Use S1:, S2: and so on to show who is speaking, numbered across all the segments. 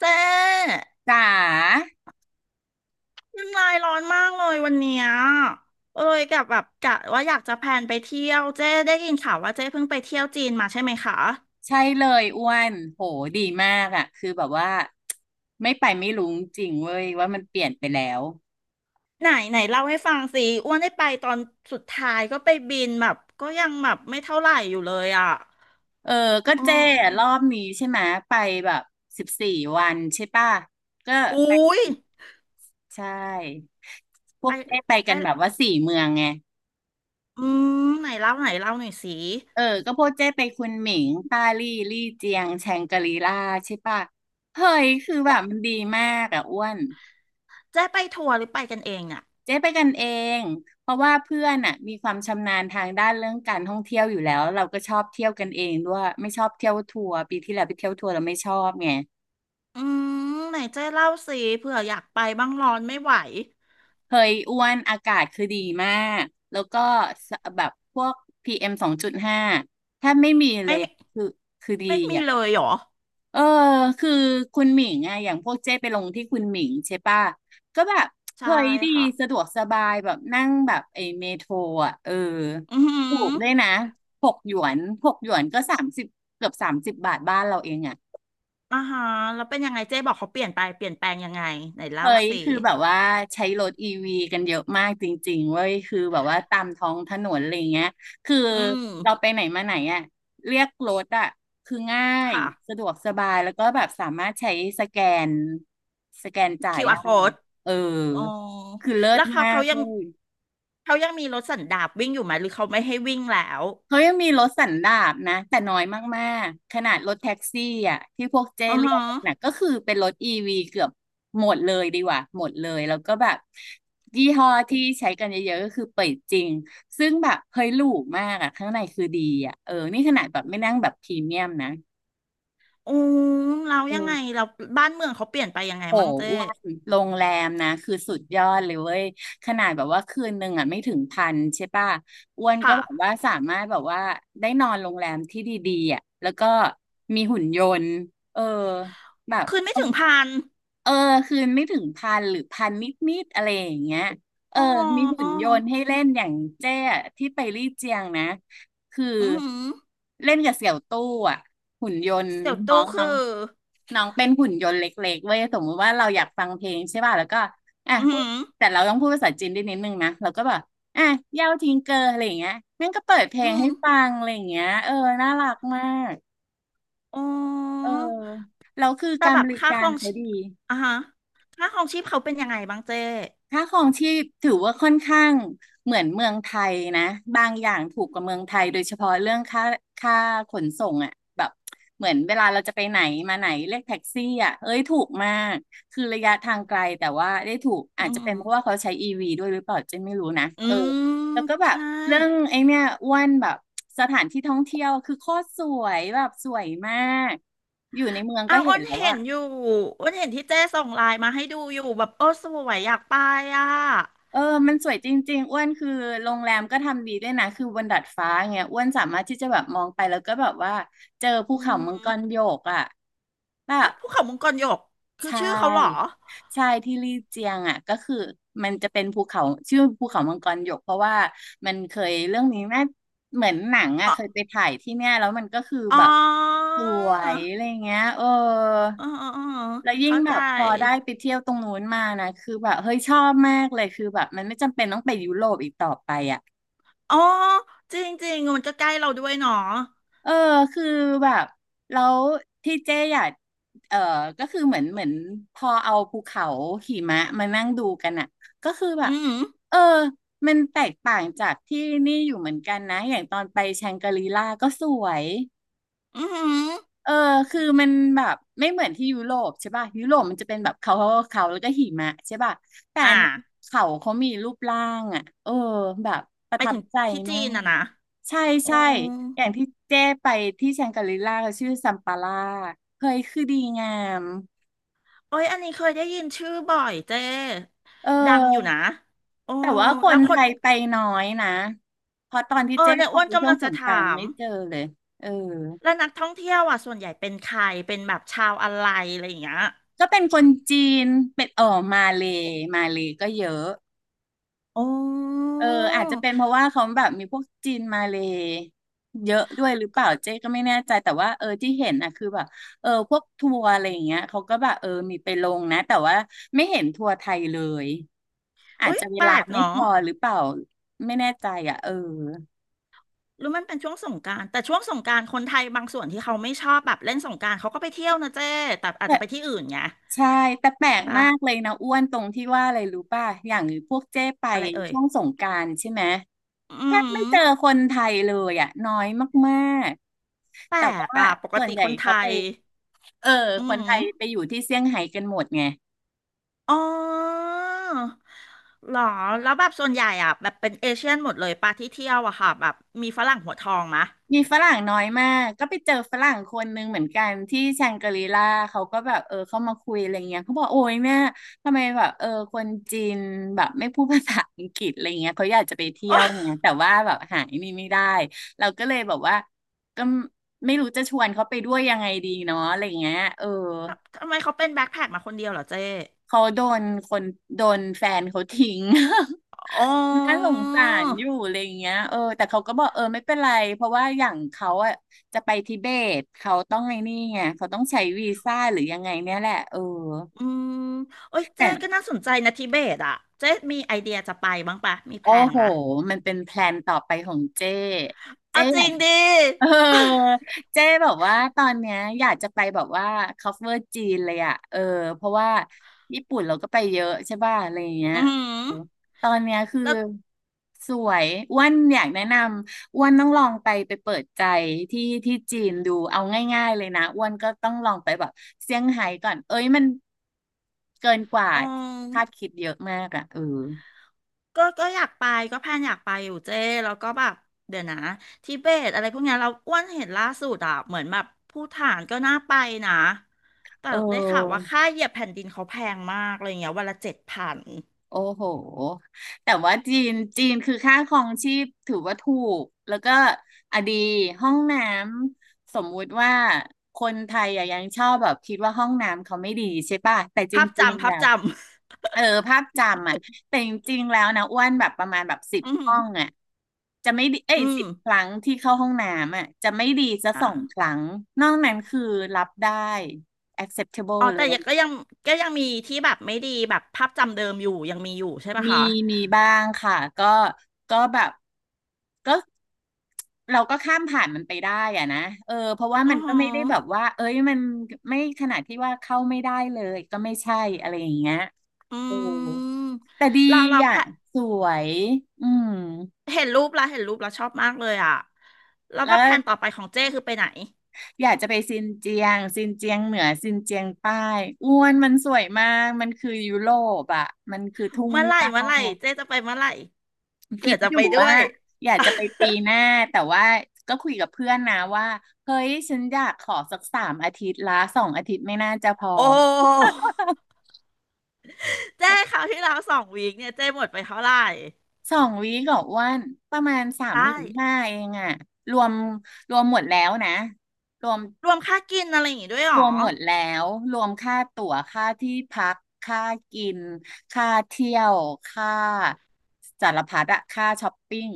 S1: เจ๊
S2: จ๋า
S1: น้ำลายร้อนมากเลยวันเนี้ยเอ้ยกับแบบกะว่าอยากจะแพลนไปเที่ยวเจ๊ได้ยินข่าวว่าเจ๊เพิ่งไปเที่ยวจีนมาใช่ไหมคะ
S2: ใช่เลยอ้วนโหดีมากอ่ะคือแบบว่าไม่ไปไม่รู้จริงเว้ยว่ามันเปลี่ยนไปแล้ว
S1: ไหนไหนเล่าให้ฟังสิอ้วนได้ไปตอนสุดท้ายก็ไปบินแบบก็ยังแบบไม่เท่าไหร่อยู่เลยอ่ะ
S2: เออก็
S1: อือ
S2: เจ้อะรอบนี้ใช่ไหมไปแบบ14 วันใช่ป่ะก็
S1: อุ้
S2: ไป
S1: ย
S2: ใช่พ
S1: ไป
S2: วกเจ้ไป
S1: ไป
S2: กันแบบว่าสี่เมืองไง
S1: อืมไหนเล่าไหนเล่าหน่อยสิ
S2: เออก็พวกเจ้ไปคุนหมิงต้าลี่ลี่เจียงแชงกรีล่าใช่ป่ะเฮ้ยคือแบ
S1: เจ๊
S2: บมันดีมากอ่ะอ้วน
S1: เจ๊ไปทัวร์หรือไปกันเองเนี่ย
S2: เจ๊ไปกันเอง เพราะว่าเพื่อนอ่ะมีความชำนาญทางด้านเรื่องการท่องเที่ยวอยู่แล้วเราก็ชอบเที่ยวกันเองด้วยไม่ชอบเที่ยวทัวร์ปีที่แล้วไปเที่ยวทัวร์เราไม่ชอบไง
S1: อืมไหนเจ๊เล่าสิเผื่ออยากไปบ้างร้อนไม่ไหว
S2: เฮยอ้วนอากาศคือดีมากแล้วก็แบบพวกPM 2.5ถ้าไม่มีเล
S1: ไม่
S2: ย
S1: มี
S2: อะคือดี
S1: ไม่มี
S2: อ่ะ
S1: เลยเหรอ
S2: เออคือคุณหมิงไงอย่างพวกเจ้ไปลงที่คุณหมิงใช่ป่ะก็แบบ
S1: ใช่
S2: เฮ้ยดี
S1: ค่ะ
S2: สะดวกสบายแบบนั่งแบบไอ้เมโทรอ่ะเออ
S1: อือหื
S2: ถู
S1: อ
S2: กด้วยนะหกหยวนหกหยวนก็สามสิบเกือบ30 บาทบ้านเราเองอ่ะ
S1: อ่าฮะแล้วเป็นยังไงเจ๊บอกเขาเปลี่ยนไปเปลี่ยนแปลงยังไงไหนเล่า
S2: เฮ้ย
S1: สิ
S2: คือแบบว่าใช้รถอีวีกันเยอะมากจริงๆเว้ยคือแบบว่าตามท้องถนนอะไรเงี้ยคือ
S1: อืม
S2: เราไปไหนมาไหนอ่ะเรียกรถอ่ะคือง่าย
S1: ค่ะ
S2: สะดวกสบายแล้วก็แบบสามารถใช้สแกนสแกนจ่าย
S1: QR
S2: ได้
S1: code
S2: เออ
S1: อ๋อ
S2: คือเลิ
S1: แล้
S2: ศ
S1: วเขา
S2: มา
S1: เขา
S2: ก
S1: ยั
S2: เล
S1: ง
S2: ย
S1: เขายังมีรถสันดาปวิ่งอยู่ไหมหรือเขาไม่ให้วิ่งแล้ว
S2: เขายังมีรถสันดาปนะแต่น้อยมากๆขนาดรถแท็กซี่อ่ะที่พวกเจ้
S1: อือ
S2: เรีย
S1: ฮะ
S2: กกันนะก็คือเป็นรถอีวีเกือบหมดเลยดีกว่าหมดเลยแล้วก็แบบยี่ห้อที่ใช้กันเยอะๆก็คือเปิดจริงซึ่งแบบเฮ้ยหรูมากอ่ะข้างในคือดีอ่ะเออนี่ขนาดแบบไม่นั่งแบบพรีเมียมนะ
S1: อืมเรายังไง
S2: อ
S1: เราบ้านเมืองเขาเปลี่ยนไปยังไง
S2: โห
S1: มั่งเจ๊
S2: อ้วนโรงแรมนะคือสุดยอดเลยเว้ยขนาดแบบว่าคืนหนึ่งอ่ะไม่ถึงพันใช่ป่ะอ้วนก็
S1: ค่ะ
S2: แบบว่าสามารถแบบว่าได้นอนโรงแรมที่ดีๆอ่ะแล้วก็มีหุ่นยนต์เออแบบ
S1: คืนไม่ถึงพัน
S2: เออคืนไม่ถึงพันหรือพันนิดๆอะไรอย่างเงี้ยเออ
S1: อ๋
S2: มีหุ่น
S1: อ
S2: ยนต์ให้เล่นอย่างเจ้อะที่ไปลี่เจียงนะคือ
S1: อือหือ
S2: เล่นกับเสี่ยวตู้อ่ะหุ่นยนต์
S1: เสี่ยว
S2: น้อ
S1: ตู้
S2: งน้อ
S1: คื
S2: ง
S1: อ
S2: น้องเป็นหุ่นยนต์เล็กๆเว้ยสมมติว่าเราอยากฟังเพลงใช่ป่ะแล้วก็อ่ะ
S1: อือ
S2: พู
S1: หื
S2: ด
S1: อ
S2: แต่เราต้องพูดภาษาจีนได้นิดนึงนะเราก็แบบอ่ะเย่าทิงเกอร์อะไรอย่างเงี้ยแม่งก็เปิดเพลง
S1: อืม
S2: ให้ฟังอะไรอย่างเงี้ยเออน่ารักมาก
S1: อ๋
S2: เออ
S1: อ
S2: แล้วคือ
S1: แต่
S2: การ
S1: แบ
S2: บ
S1: บ
S2: ริ
S1: ค่าค
S2: กา
S1: ร
S2: ร
S1: อง
S2: เขา
S1: ชี
S2: ดี
S1: อ่ะฮะค่าครองชีพเขาเป็นยังไงบ้างเจ้
S2: ค่าครองชีพถือว่าค่อนข้างเหมือนเมืองไทยนะบางอย่างถูกกว่าเมืองไทยโดยเฉพาะเรื่องค่าขนส่งอ่ะแบบเหมือนเวลาเราจะไปไหนมาไหนเรียกแท็กซี่อ่ะเอ้ยถูกมากคือระยะทางไกลแต่ว่าได้ถูก
S1: อื
S2: อาจจะเป็นเพราะว่า
S1: ม
S2: เขาใช้อีวีด้วยหรือเปล่าเจนไม่รู้นะ
S1: อื
S2: เออ
S1: ม
S2: แล้วก็แบบ
S1: ใช่
S2: เรื่องไอ้เนี่ยอ้วนแบบสถานที่ท่องเที่ยวคือโคตรสวยแบบสวยมากอยู่ในเมืองก็
S1: อ้าว
S2: เห็
S1: อ้
S2: น
S1: น
S2: แล้ว
S1: เห็
S2: ว่า
S1: นอยู่อ้นเห็นที่เจ้ส่งไลน์มาให้ดูอยู่แบบโอ้สวยอยากไปอ่ะ
S2: เออมันสวยจริงๆอ้วนคือโรงแรมก็ทำดีด้วยนะ คือบนดาดฟ้าเงี้ยอ้วนสามารถที่จะแบบมองไปแล้วก็แบบว่าเจอภู
S1: อื
S2: เขา
S1: ม
S2: มังกรโยกอ่ะแบ
S1: อ่ะ
S2: บ
S1: ภูเขามังกรหยกคือ
S2: ใช
S1: ชื่อเขาเหรอ
S2: ่ใช่ที่ลี่เจียงอ่ะก็คือมันจะเป็นภูเขาชื่อภูเขามังกรโยกเพราะว่ามันเคยเรื่องนี้แม่เหมือนหนังอ่ะ
S1: อ๋อ
S2: เคยไปถ่ายที่เนี่ยแล้วมันก็คือ
S1: อ๋
S2: แบบ
S1: อ
S2: สวยอะไรเงี้ยเออ
S1: อ๋ออ๋อ
S2: แล้วยิ่ง
S1: เข้า
S2: แบ
S1: ใจ
S2: บพอได้ไปเที่ยวตรงนู้นมานะคือแบบเฮ้ยชอบมากเลยคือแบบมันไม่จำเป็นต้องไปยุโรปอีกต่อไปอ่ะ
S1: อ๋อจริงๆมันก็ใกล้เราด้วยเนาะ
S2: เออคือแบบแล้วที่เจ๊อยากเออก็คือเหมือนพอเอาภูเขาหิมะมานั่งดูกันอ่ะก็คือแบบ
S1: อืม
S2: เออมันแตกต่างจากที่นี่อยู่เหมือนกันนะอย่างตอนไปแชงกรีล่าก็สวย
S1: อืม
S2: เออคือมันแบบไม่เหมือนที่ยุโรปใช่ป่ะยุโรปมันจะเป็นแบบเขาแล้วก็หิมะใช่ป่ะแต่อั
S1: อ่า
S2: นนี้เขามีรูปร่างอ่ะเออแบบประ
S1: ไป
S2: ทับ
S1: ถึง
S2: ใจ
S1: ที่จี
S2: มา
S1: นอ่ะ
S2: ก
S1: นะ
S2: ใช่
S1: อ๋อ
S2: ใช่อย่างที่เจ้ไปที่แชงกรีล่าเขาชื่อซัมปาล่าเฮ้ยคือดีงาม
S1: โอ้ยอันนี้เคยได้ยินชื่อบ่อยเจ้
S2: เอ
S1: ดังอยู่
S2: อ
S1: นะโอ้
S2: แต่ว่าค
S1: แล้
S2: น
S1: วค
S2: ไท
S1: น
S2: ยไปน้อยนะเพราะตอนที่
S1: เออ
S2: เจ๊
S1: เนี่ย
S2: ไป
S1: อ้วน
S2: ช่
S1: กำ
S2: ว
S1: ลั
S2: ง
S1: ง
S2: ส
S1: จะ
S2: งกราน
S1: ถา
S2: ต์
S1: ม
S2: ไม่เจอเลยเออ
S1: แล้วนักท่องเที่ยวอ่ะส่วนใหญ่เป็นใคร เป็นแบบชาวอะไรอะไรอย่างเงี้ย
S2: ก็เป็นคนจีนเป็นเออมาเลย์มาเลย์ก็เยอะ
S1: โอ้
S2: เอออาจจะเป็นเพราะว่าเขาแบบมีพวกจีนมาเลยเยอะด้วยหรือเปล่าเจ๊ก็ไม่แน่ใจแต่ว่าที่เห็นนะคือแบบพวกทัวร์อะไรอย่างเงี้ยเขาก็แบบมีไปลงนะแต่ว่าไม่เห็นทัวร์ไทยเลยอาจ
S1: อุย
S2: จะเว
S1: แปล
S2: ลา
S1: ก
S2: ไม่พ
S1: เนาะ
S2: อหรือเปล่าไม่แน่ใจอ่ะ
S1: หรือมันเป็นช่วงสงกรานต์แต่ช่วงสงกรานต์คนไทยบางส่วนที่เขาไม่ชอบแบบเล่นสงกรานต์เขาก็ไปเที่ยวนะเจ้แต่อาจ
S2: แต่
S1: จะไปที่อื่นไง
S2: ใช่แต่แปล
S1: ใช่
S2: ก
S1: ปะ
S2: มากเลยนะอ้วนตรงที่ว่าอะไรรู้ป่ะอย่างพวกเจ๊ไป
S1: อะไรเอ่ย
S2: ช่วงสงกรานต์ใช่ไหมแท
S1: อื
S2: บไม่
S1: ม
S2: เจอคนไทยเลยอ่ะน้อยมาก
S1: แปล
S2: แต่
S1: ก
S2: ว่า
S1: อ่ะปก
S2: ส่ว
S1: ติ
S2: นใหญ่
S1: คนไท
S2: เขาไป
S1: ย
S2: เออ
S1: อื
S2: คนไท
S1: ม
S2: ยไปอยู่ที่เซี่ยงไฮ้กันหมดไง
S1: อ๋อเหรอแล้วแบบส่วนใหญ่อ่ะแบบเป็นเอเชียนหมดเลยปะที่เที่ยวอะค่ะแบบมีฝรั่งหัวทองมะ
S2: มีฝรั่งน้อยมากก็ไปเจอฝรั่งคนนึงเหมือนกันที่แชงกรีลาเขาก็แบบเข้ามาคุยอะไรเงี้ยเขาบอกโอ้ยแม่ทำไมแบบคนจีนแบบไม่พูดภาษาอังกฤษอะไรเงี้ยเขาอยากจะไปเที่ยวไง
S1: โอ้
S2: แต่ว่าแบบหายนี่ไม่ได้เราก็เลยแบบว่าก็ไม่รู้จะชวนเขาไปด้วยยังไงดีเนาะอะไรเงี้ย
S1: ทำ ทำไมเขาเป็นแบ็คแพ็คมาคนเดียวเหรอเจ๊
S2: เขาโดนคนโดนแฟนเขาทิ้ง
S1: อ๋
S2: น่าส
S1: อ
S2: งสารอยู่อะไรอย่างเงี้ยแต่เขาก็บอกไม่เป็นไรเพราะว่าอย่างเขาอ่ะจะไปทิเบตเขาต้องไอ้นี่ไงเขาต้องใช้วีซ่าหรือยังไงเนี่ยแหละ
S1: อืมโอ้ย
S2: แต่
S1: เจ๊ก็น่าสนใจนะทิเบตอ่ะเจ๊มีไอเดียจะไปบ้างปะมีแพ
S2: โอ้
S1: ลน
S2: โห
S1: มะ
S2: มันเป็นแพลนต่อไปของเจ้เจ้
S1: เอาจ
S2: อ
S1: ริ
S2: ยาก
S1: งดิ
S2: เออเจ๊แบบว่าตอนเนี้ยอยากจะไปแบบว่า cover จีนเลยอ่ะเพราะว่าญี่ปุ่นเราก็ไปเยอะใช่ป่ะอะไรอย่างเงี้ย
S1: อืม
S2: อืมตอนเนี้ยคือ
S1: แล้ว
S2: สวยอ้วันอยากแนะนำอ้วันต้องลองไปไปเปิดใจที่ที่จีนดูเอาง่ายๆเลยนะอ้วันก็ต้องลองไปแบบเซี่ยงไฮ้ก่อนเอ้ยมันเกินกว่า
S1: อ๋อ
S2: คาดคิดเยอะมากอ่ะ
S1: ก็ก็อยากไปก็แพลนอยากไปอยู่เจ้แล้วก็แบบเดี๋ยวนะทิเบตอะไรพวกเนี้ยเราอ้วนเห็นล่าสุดอ่ะเหมือนแบบภูฏานก็น่าไปนะ แต่
S2: เ
S1: ได้ข่าวว่า
S2: ออ
S1: ค่าเหยียบแผ่นดินเขาแพงมากอะไรเงี้ยวันละ7,000
S2: โอ้โห แต่ว่าจีนคือค่าครองชีพถือว่าถูก แล้วก็อะดีห้องน้ำสมมุติว่าคนไทยอะยังชอบแบบคิดว่าห้องน้ำเขาไม่ดีใช่ป่ะแต่จ
S1: ภาพ
S2: ริง
S1: จำ
S2: ๆ
S1: ภา
S2: แล้
S1: พ
S2: ว
S1: จำ
S2: เออภาพจำอ่ะแต่จริงๆแล้วนะอ้วนแบบประมาณแบบสิบ
S1: อืม
S2: ห้องอ่ะจะไม่ดีเอ้
S1: อื
S2: ย
S1: ม
S2: 10 ครั้งที่เข้าห้องน้ำอ่ะจะไม่ดีจะสองค
S1: อ่า
S2: รั้งนอกนั้นคือรับได้ acceptable
S1: อ๋อ
S2: เล
S1: แต่ยั
S2: ย
S1: งก็ยังก็ยังมีที่แบบไม่ดีแบบภาพจำเดิมอยู่ยังมีอยู่ใช่ปะ
S2: มี
S1: คะ
S2: มีบ้างค่ะก็ก็แบบก็เราก็ข้ามผ่านมันไปได้อะนะเพราะว่ามั
S1: อื
S2: น
S1: อ
S2: ก็
S1: หือ
S2: ไม่ได้แบบว่าเอ้ยมันไม่ขนาดที่ว่าเข้าไม่ได้เลยก็ไม่ใช่อะไรอย่างเงี้ย
S1: อื
S2: โอ้
S1: ม
S2: แต่ดี
S1: เราเราแพ
S2: อ่ะสวยอืม
S1: เห็นรูปแล้วเห็นรูปแล้วชอบมากเลยอ่ะ แล้ว
S2: แล้
S1: ว่าแผน
S2: ว
S1: ต่อไปของเจ้คือไปไหน
S2: อยากจะไปซินเจียงซินเจียงเหนือซินเจียงใต้อ้วนมันสวยมากมันคือยุโรปอ่ะมันคือทุ่ง
S1: เมื่อไหร่
S2: หญ้า
S1: เมื่อไหร่เจ้จะไปเมื่อไหร่เผื่
S2: คิ
S1: อ
S2: ด
S1: จะ
S2: อ
S1: ไป
S2: ยู่
S1: ด้ว
S2: ว่า
S1: ย
S2: อยากจะไปปีหน้าแต่ว่าก็คุยกับเพื่อนนะว่าเฮ้ยฉันอยากขอสักสามอาทิตย์ละ2 อาทิตย์ไม่น่าจะพอ
S1: โอ้เจ้คราวที่แล้วสองวีคเนี่ยเจ้หมดไปเท่าไหร่
S2: 2 วีคกับว่านประมาณสามห
S1: ได้
S2: มื่นห้าเองอะรวมรวมหมดแล้วนะรวม
S1: รวมค่ากินอะไรอย่างงี้ด้วยเหร
S2: ร
S1: อ
S2: วมหมดแล้วรวมค่าตั๋วค่าที่พักค่ากินค่าเที่ยวค่าสารพัดอะค่าช้อปปิ้ง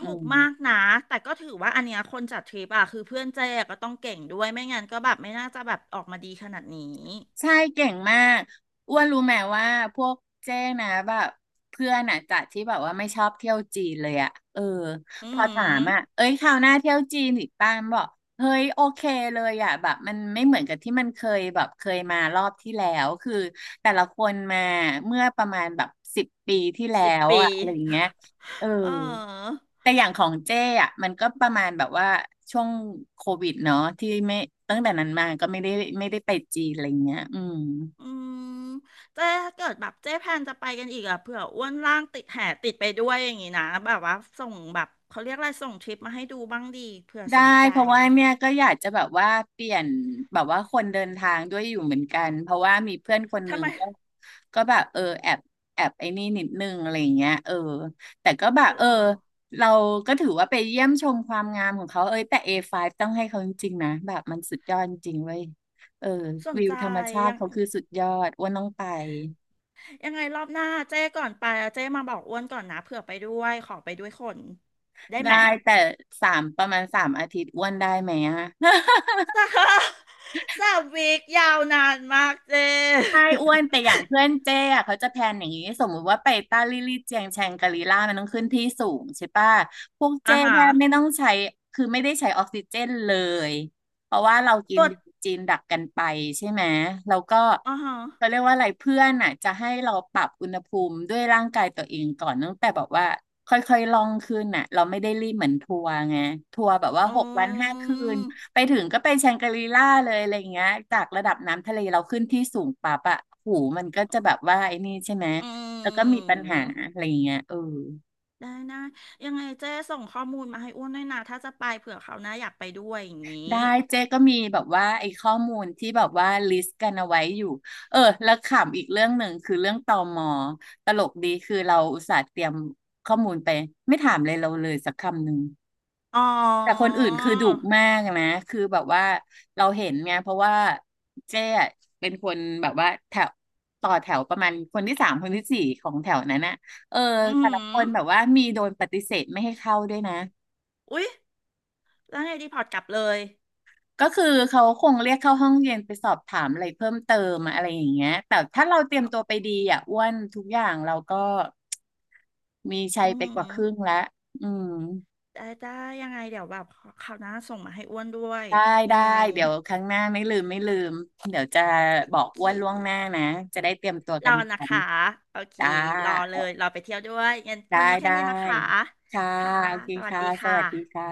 S2: อื
S1: ูก
S2: ม
S1: มากนะแต่ก็ถือว่าอันเนี้ยคนจัดทริปอะคือเพื่อนเจ๊ก็ต้องเก่งด้วยไม่งั้นก็แบบไม่น่าจะแบบออกมาดีขนาดนี้
S2: ใช่เก่งมากอ้วนรู้ไหมว่าพวกเจ้นะแบบเพื่อนอ่ะจากที่แบบว่าไม่ชอบเที่ยวจีนเลยอ่ะ
S1: อื
S2: พอถาม
S1: ม
S2: อ่ะเอ้ยคราวหน้าเที่ยวจีนอีกป้ามนบอกเฮ้ยโอเคเลยอ่ะแบบมันไม่เหมือนกับที่มันเคยแบบเคยมารอบที่แล้วคือแต่ละคนมาเมื่อประมาณแบบสิบปีที่แล้
S1: สิบ
S2: ว
S1: ปี
S2: อ่ะอะไรอย่างเงี้ยเออ
S1: เออ
S2: แต่อย่างของเจ้อะมันก็ประมาณแบบว่าช่วงโควิดเนาะที่ไม่ตั้งแต่นั้นมาก็ไม่ได้ไปจีนอะไรเงี้ยอืม
S1: อืมเจ๊ถ้าเกิดแบบเจ๊แพนจะไปกันอีกอะเผื่ออ้วนล่างติดแห่ติดไปด้วยอย่างงี้นะแบบว่าส่งแบบเขาเรียกอะไรส่งทริปมาให้ดูบ้างดีเผื่อ
S2: ได้
S1: สนใจ
S2: เพราะว่าเนี่ยก็อยากจะแบบว่าเปลี่ยนแบบว่าคนเดินทางด้วยอยู่เหมือนกันเพราะว่ามีเพื่อนคนห
S1: ทำ
S2: นึ่ง
S1: ไม
S2: ก็ก็แบบแอบแอบไอ้นี่นิดนึงอะไรอย่างเงี้ยแต่ก็แบบ
S1: หรอ
S2: เราก็ถือว่าไปเยี่ยมชมความงามของเขาเอ้ยแต่ A5 ต้องให้เขาจริงๆนะแบบมันสุดยอดจริงเว้ยเออ
S1: สน
S2: วิว
S1: ใจ
S2: ธรรมชา
S1: ยั
S2: ติ
S1: ง
S2: เขาคือสุดยอดอ้วนต้องไป
S1: ยังไงรอบหน้าเจ๊ก่อนไปอะเจ๊มาบอกอ้วนก่อนนะเผื่อไปด้วยขอไปด้วยคนได้
S2: ได้
S1: ไหม
S2: แต่สามประมาณสามอาทิตย์อ้วนได้ไหมอะ
S1: สาม สามวีคยาวนานมากเจ๊
S2: ใช่ อ้วนแต่อย่างเพื่อนเจ้อะเขาจะแพลนอย่างนี้สมมุติว่าไปต้าลี่ลี่เจียงแชงกาลีล่ามันต้องขึ้นที่สูงใช่ปะพวก
S1: อ่า
S2: เจ้
S1: ฮะ
S2: แทบไม่ต้องใช้คือไม่ได้ใช้ออกซิเจนเลยเพราะว่าเรากิ
S1: ป
S2: น
S1: วด
S2: จีนดักกันไปใช่ไหมแล้วก็
S1: อ่าฮะ
S2: เขาเรียกว่าอะไรเพื่อนอะจะให้เราปรับอุณหภูมิด้วยร่างกายตัวเองก่อนตั้งแต่แบอกว่าค่อยๆล่องขึ้นน่ะเราไม่ได้รีบเหมือนทัวร์ไงทัวร์แบบว่าห
S1: อื
S2: กวันห้าคืน
S1: ม
S2: ไปถึงก็เป็นแชงกรีล่าเลยอะไรอย่างเงี้ยจากระดับน้ำทะเลเราขึ้นที่สูงปั๊บอะหูมันก็จะแบบว่าไอ้นี่ใช่ไหม
S1: อ
S2: แล้วก็
S1: ื
S2: มีปัญหา
S1: ม
S2: อะไรอย่างเงี้ย
S1: ได้นะยังไงเจ๊ส่งข้อมูลมาให้อ้วนด้วยนะถ้าจะไปเผื่อเขาวหน้าอยากไปด้วยอย่างนี้
S2: ได้เจ๊ก็มีแบบว่าไอ้ข้อมูลที่แบบว่าลิสต์กันเอาไว้อยู่แล้วขำอีกเรื่องหนึ่งคือเรื่องตมตลกดีคือเราอุตส่าห์เตรียมข้อมูลไปไม่ถามเลยเราเลยสักคำหนึ่ง
S1: อ๋อ
S2: แต่คนอื่นคือดุมากนะคือแบบว่าเราเห็นไงเพราะว่าเจ๊อะเป็นคนแบบว่าแถวต่อแถวประมาณคนที่สามคนที่สี่ของแถวนั้นน่ะเออ
S1: อือ
S2: แต่
S1: หื
S2: ละค
S1: อ
S2: นแบบว่ามีโดนปฏิเสธไม่ให้เข้าด้วยนะ
S1: อุ๊ยแล้วไงดีพอร์ตกลับเลย
S2: ก็คือเขาคงเรียกเข้าห้องเรียนไปสอบถามอะไรเพิ่มเติมอะไรอย่างเงี้ยแต่ถ้าเราเตรียม
S1: อ
S2: ตัวไปดีอ่ะอ้วนทุกอย่างเราก็มีชั
S1: ื
S2: ย
S1: อ
S2: ไป
S1: หื
S2: ก
S1: อ
S2: ว่าครึ่งละอืม
S1: ได้ได้ยังไงเดี๋ยวแบบคราวหน้าส่งมาให้อ้วนด้วย
S2: ได้
S1: อื
S2: ได้
S1: ม
S2: เดี๋ยวครั้งหน้าไม่ลืมไม่ลืมเดี๋ยวจะบอ
S1: โอ
S2: ก
S1: เค
S2: อ้วนล่วงหน้านะจะได้เตรียมตัว
S1: ร
S2: กั
S1: อ
S2: น
S1: นะ
S2: ทัน
S1: คะโอเค
S2: ได้
S1: รอเลยรอไปเที่ยวด้วยงั้น
S2: ได้
S1: วันนี้แค่
S2: ได้
S1: นี้นะคะ
S2: ค่ะ
S1: ค่ะ
S2: โอเค
S1: สวัส
S2: ค่ะ
S1: ดี
S2: ส
S1: ค่
S2: วัสดี
S1: ะ
S2: ค่ะ